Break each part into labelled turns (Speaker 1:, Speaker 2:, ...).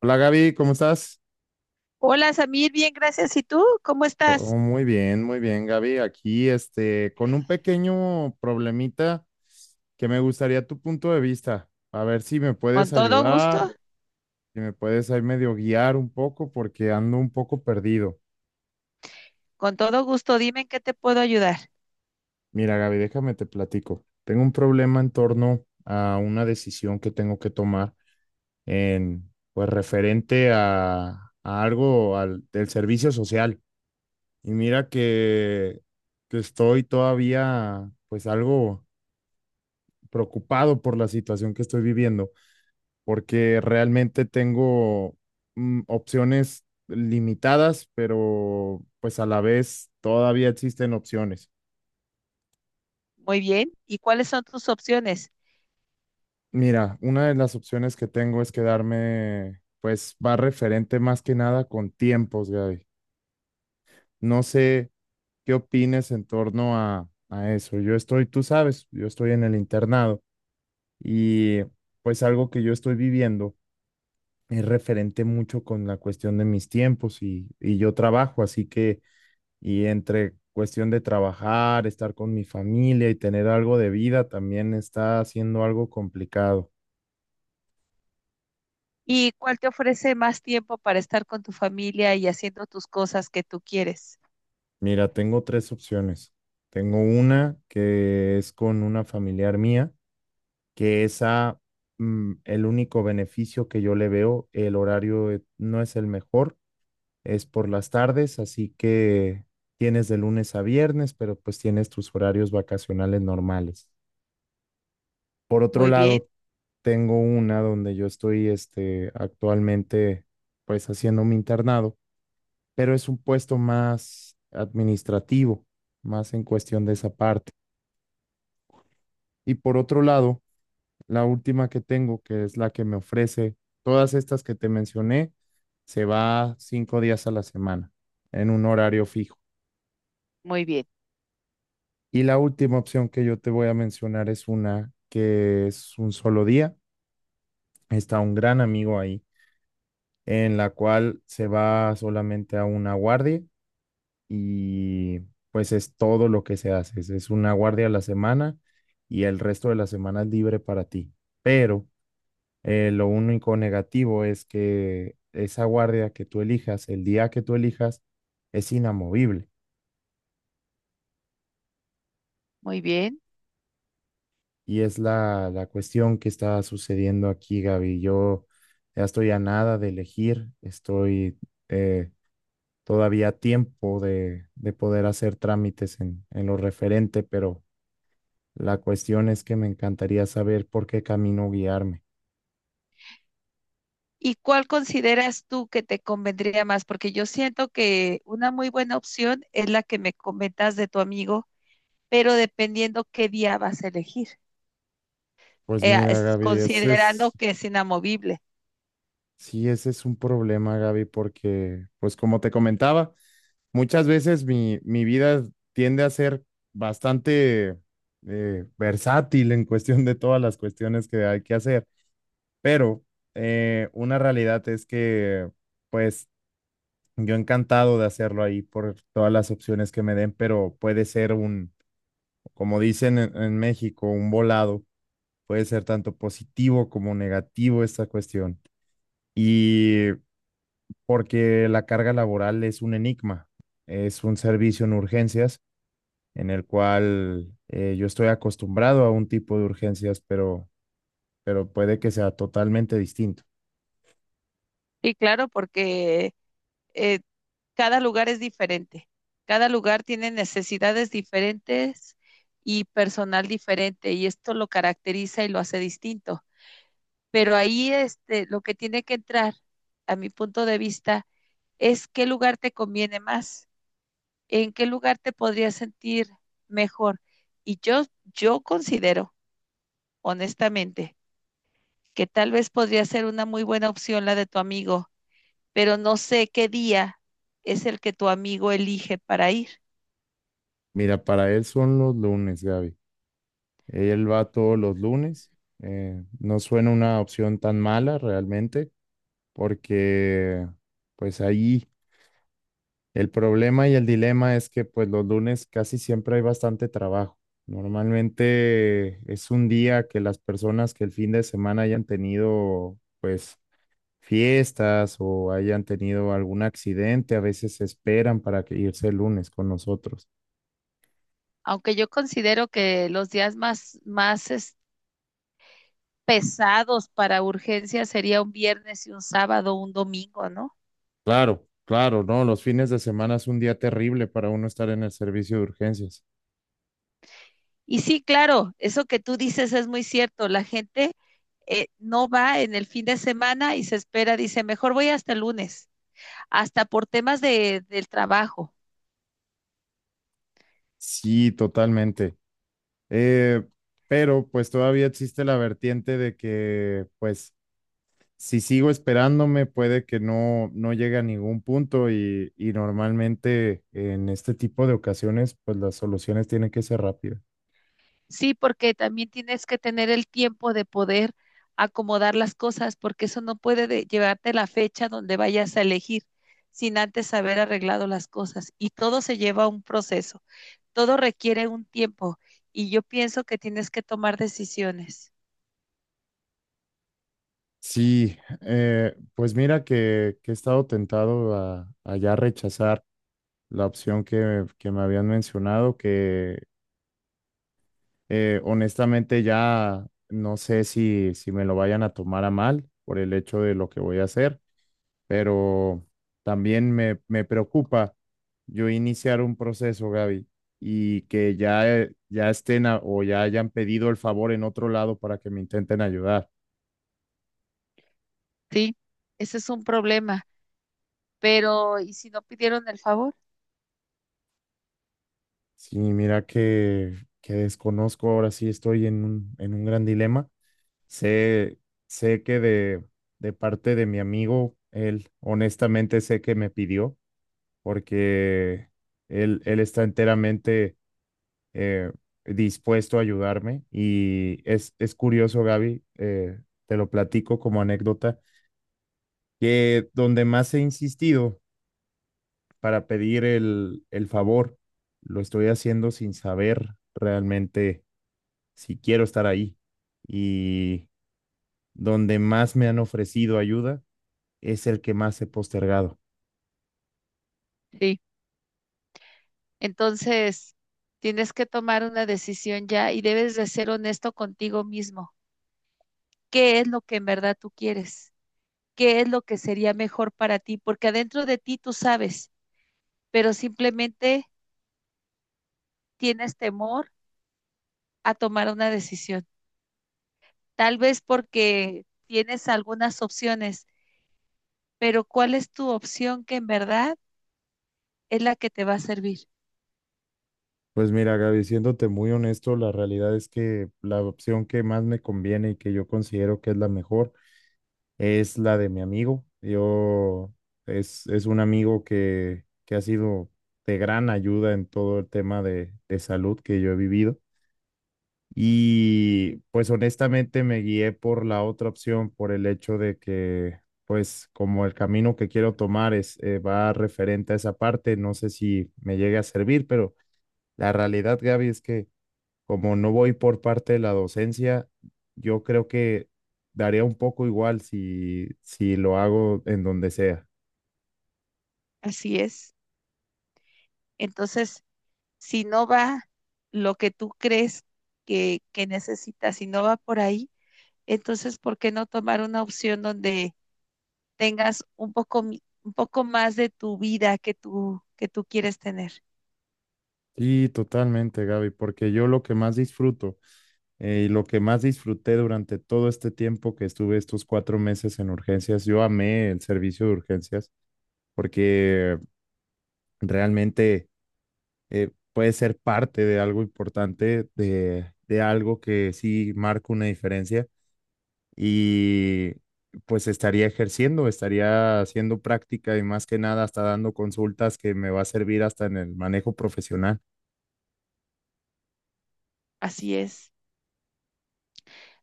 Speaker 1: Hola Gaby, ¿cómo estás?
Speaker 2: Hola Samir, bien, gracias. ¿Y tú? ¿Cómo
Speaker 1: Todo
Speaker 2: estás?
Speaker 1: muy bien Gaby. Aquí, este, con un pequeño problemita que me gustaría tu punto de vista. A ver si me puedes
Speaker 2: Con todo gusto,
Speaker 1: ayudar, si me puedes ahí medio guiar un poco porque ando un poco perdido.
Speaker 2: con todo gusto. Dime en qué te puedo ayudar.
Speaker 1: Mira Gaby, déjame te platico. Tengo un problema en torno a una decisión que tengo que tomar en, pues, referente a algo al, del servicio social. Y mira que estoy todavía pues algo preocupado por la situación que estoy viviendo, porque realmente tengo opciones limitadas, pero pues a la vez todavía existen opciones.
Speaker 2: Muy bien. ¿Y cuáles son tus opciones?
Speaker 1: Mira, una de las opciones que tengo es quedarme, pues va referente más que nada con tiempos, Gaby. No sé qué opines en torno a, eso. Yo estoy, tú sabes, yo estoy en el internado. Y pues algo que yo estoy viviendo es referente mucho con la cuestión de mis tiempos y yo trabajo, así que, y entre cuestión de trabajar, estar con mi familia y tener algo de vida, también está siendo algo complicado.
Speaker 2: ¿Y cuál te ofrece más tiempo para estar con tu familia y haciendo tus cosas que tú quieres?
Speaker 1: Mira, tengo tres opciones. Tengo una que es con una familiar mía, que esa, el único beneficio que yo le veo, el horario no es el mejor es por las tardes, así que tienes de lunes a viernes, pero pues tienes tus horarios vacacionales normales. Por otro
Speaker 2: Muy bien,
Speaker 1: lado, tengo una donde yo estoy este, actualmente pues haciendo mi internado, pero es un puesto más administrativo, más en cuestión de esa parte. Y por otro lado, la última que tengo, que es la que me ofrece todas estas que te mencioné, se va 5 días a la semana en un horario fijo.
Speaker 2: muy bien,
Speaker 1: Y la última opción que yo te voy a mencionar es una que es un solo día. Está un gran amigo ahí, en la cual se va solamente a una guardia y pues es todo lo que se hace. Es una guardia a la semana y el resto de la semana es libre para ti. Pero lo único negativo es que esa guardia que tú elijas, el día que tú elijas, es inamovible.
Speaker 2: muy bien.
Speaker 1: Y es la cuestión que está sucediendo aquí, Gaby. Yo ya estoy a nada de elegir, estoy eh, todavía a tiempo de poder hacer trámites en lo referente, pero la cuestión es que me encantaría saber por qué camino guiarme.
Speaker 2: ¿Y cuál consideras tú que te convendría más? Porque yo siento que una muy buena opción es la que me comentas de tu amigo, pero dependiendo qué día vas a elegir.
Speaker 1: Pues mira,
Speaker 2: Es-
Speaker 1: Gaby, ese es
Speaker 2: considerando que es inamovible.
Speaker 1: Sí, ese es un problema, Gaby, porque, pues como te comentaba, muchas veces mi vida tiende a ser bastante versátil en cuestión de todas las cuestiones que hay que hacer, pero una realidad es que, pues, yo encantado de hacerlo ahí por todas las opciones que me den, pero puede ser un, como dicen en México, un volado, puede ser tanto positivo como negativo esta cuestión. Y porque la carga laboral es un enigma, es un servicio en urgencias en el cual yo estoy acostumbrado a un tipo de urgencias, pero puede que sea totalmente distinto.
Speaker 2: Y claro, porque eh, cada lugar es diferente. Cada lugar tiene necesidades diferentes y personal diferente, y esto lo caracteriza y lo hace distinto. Pero ahí este, lo que tiene que entrar, a mi punto de vista, es qué lugar te conviene más. ¿En qué lugar te podrías sentir mejor? Y yo considero, honestamente, que tal vez podría ser una muy buena opción la de tu amigo, pero no sé qué día es el que tu amigo elige para ir.
Speaker 1: Mira, para él son los lunes, Gaby. Él va todos los lunes. No suena una opción tan mala realmente, porque pues ahí. El problema y el dilema es que pues los lunes casi siempre hay bastante trabajo. Normalmente es un día que las personas que el fin de semana hayan tenido pues fiestas o hayan tenido algún accidente, a veces se esperan para que irse el lunes con nosotros.
Speaker 2: Aunque yo considero que los días más, más es- pesados para urgencias sería un viernes y un sábado, un domingo, ¿no?
Speaker 1: Claro, claro, no, los fines de semana es un día terrible para uno estar en el servicio de urgencias.
Speaker 2: Y sí, claro, eso que tú dices es muy cierto. La gente no va en el fin de semana y se espera, dice, mejor voy hasta el lunes, hasta por temas de, del trabajo.
Speaker 1: Sí, totalmente. Eh, pero pues todavía existe la vertiente de que pues si sigo esperándome, puede que no, no llegue a ningún punto y normalmente en este tipo de ocasiones, pues las soluciones tienen que ser rápidas.
Speaker 2: Sí, porque también tienes que tener el tiempo de poder acomodar las cosas, porque eso no puede de- llevarte la fecha donde vayas a elegir sin antes haber arreglado las cosas. Y todo se lleva a un proceso, todo requiere un tiempo. Y yo pienso que tienes que tomar decisiones,
Speaker 1: Sí, pues mira que he estado tentado a, ya rechazar la opción que me habían mencionado, que honestamente ya no sé si, si me lo vayan a tomar a mal por el hecho de lo que voy a hacer, pero también me preocupa yo iniciar un proceso, Gaby, y que ya, ya estén o ya hayan pedido el favor en otro lado para que me intenten ayudar.
Speaker 2: ¿sí? Ese es un problema, pero ¿y si no pidieron el favor?
Speaker 1: Sí, mira que desconozco, ahora sí estoy en un gran dilema. Sé, sé que de, parte de mi amigo, él honestamente sé que me pidió, porque él está enteramente eh, dispuesto a ayudarme. Y es curioso, Gaby, te lo platico como anécdota, que donde más he insistido para pedir el favor, lo estoy haciendo sin saber realmente si quiero estar ahí. Y donde más me han ofrecido ayuda es el que más he postergado.
Speaker 2: Sí. Entonces, tienes que tomar una decisión ya y debes de ser honesto contigo mismo. ¿Qué es lo que en verdad tú quieres? ¿Qué es lo que sería mejor para ti? Porque adentro de ti tú sabes, pero simplemente tienes temor a tomar una decisión. Tal vez porque tienes algunas opciones, pero ¿cuál es tu opción que en verdad es la que te va a servir?
Speaker 1: Pues mira, Gaby, siéndote muy honesto, la realidad es que la opción que más me conviene y que yo considero que es la mejor es la de mi amigo. Es un amigo que ha sido de gran ayuda en todo el tema de, salud que yo he vivido. Y pues honestamente me guié por la otra opción, por el hecho de que pues como el camino que quiero tomar es va referente a esa parte, no sé si me llegue a servir, pero la realidad, Gaby, es que como no voy por parte de la docencia, yo creo que daría un poco igual si, si lo hago en donde sea.
Speaker 2: Así es. Entonces, si no va lo que tú crees que necesitas, si no va por ahí, entonces, ¿por qué no tomar una opción donde tengas un poco, mi- un poco más de tu vida que tú quieres tener?
Speaker 1: Sí, totalmente, Gaby, porque yo lo que más disfruto y lo que más disfruté durante todo este tiempo que estuve estos 4 meses en urgencias, yo amé el servicio de urgencias porque realmente puede ser parte de algo importante, de, algo que sí marca una diferencia y pues estaría ejerciendo, estaría haciendo práctica y más que nada hasta dando consultas que me va a servir hasta en el manejo profesional.
Speaker 2: Así es.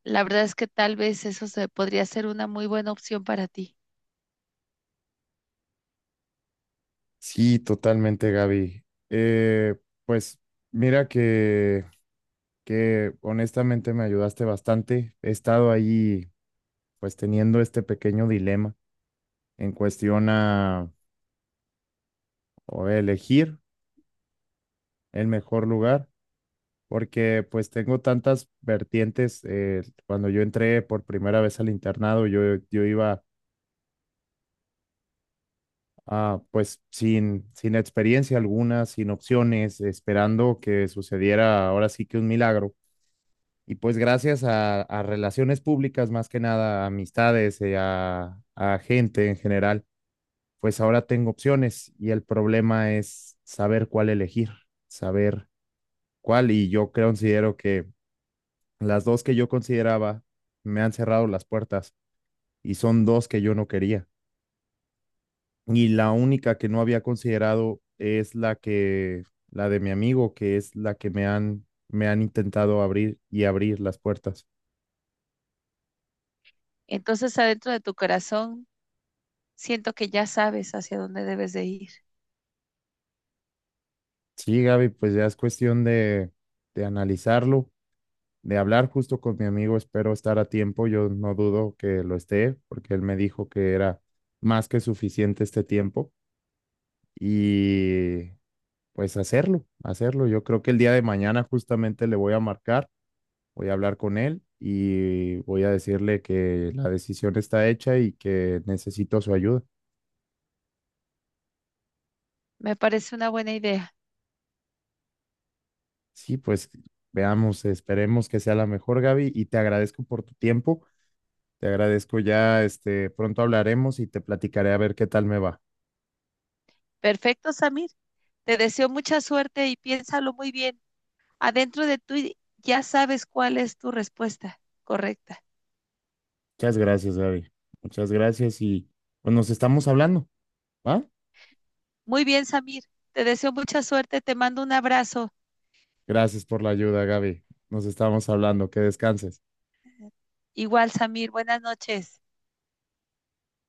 Speaker 2: La verdad es que tal vez eso se podría ser una muy buena opción para ti.
Speaker 1: Sí, totalmente, Gaby. Eh, pues mira que honestamente me ayudaste bastante. He estado ahí pues teniendo este pequeño dilema en cuestión a o elegir el mejor lugar porque pues tengo tantas vertientes. Cuando yo entré por primera vez al internado, yo iba pues sin experiencia alguna, sin opciones, esperando que sucediera ahora sí que un milagro. Y pues gracias a, relaciones públicas, más que nada, a amistades, a, gente en general, pues ahora tengo opciones y el problema es saber cuál elegir, saber cuál. Y yo creo, considero que las dos que yo consideraba me han cerrado las puertas y son dos que yo no quería. Y la única que no había considerado es la de mi amigo, que es la que me han intentado abrir y abrir las puertas.
Speaker 2: Entonces, adentro de tu corazón, siento que ya sabes hacia dónde debes de ir.
Speaker 1: Sí, Gaby, pues ya es cuestión de, analizarlo, de hablar justo con mi amigo. Espero estar a tiempo. Yo no dudo que lo esté, porque él me dijo que era más que suficiente este tiempo. Y pues hacerlo, hacerlo. Yo creo que el día de mañana justamente le voy a marcar, voy a hablar con él y voy a decirle que la decisión está hecha y que necesito su ayuda.
Speaker 2: Me parece una buena idea.
Speaker 1: Sí, pues veamos, esperemos que sea la mejor, Gaby, y te agradezco por tu tiempo. Te agradezco ya, este, pronto hablaremos y te platicaré a ver qué tal me va.
Speaker 2: Perfecto, Samir. Te deseo mucha suerte y piénsalo muy bien. Adentro de ti ya sabes cuál es tu respuesta correcta.
Speaker 1: Muchas gracias, Gaby. Muchas gracias y pues nos estamos hablando, ¿va?
Speaker 2: Muy bien, Samir. Te deseo mucha suerte, te mando un abrazo.
Speaker 1: Gracias por la ayuda, Gaby. Nos estamos hablando. Que descanses.
Speaker 2: Igual, Samir, buenas noches.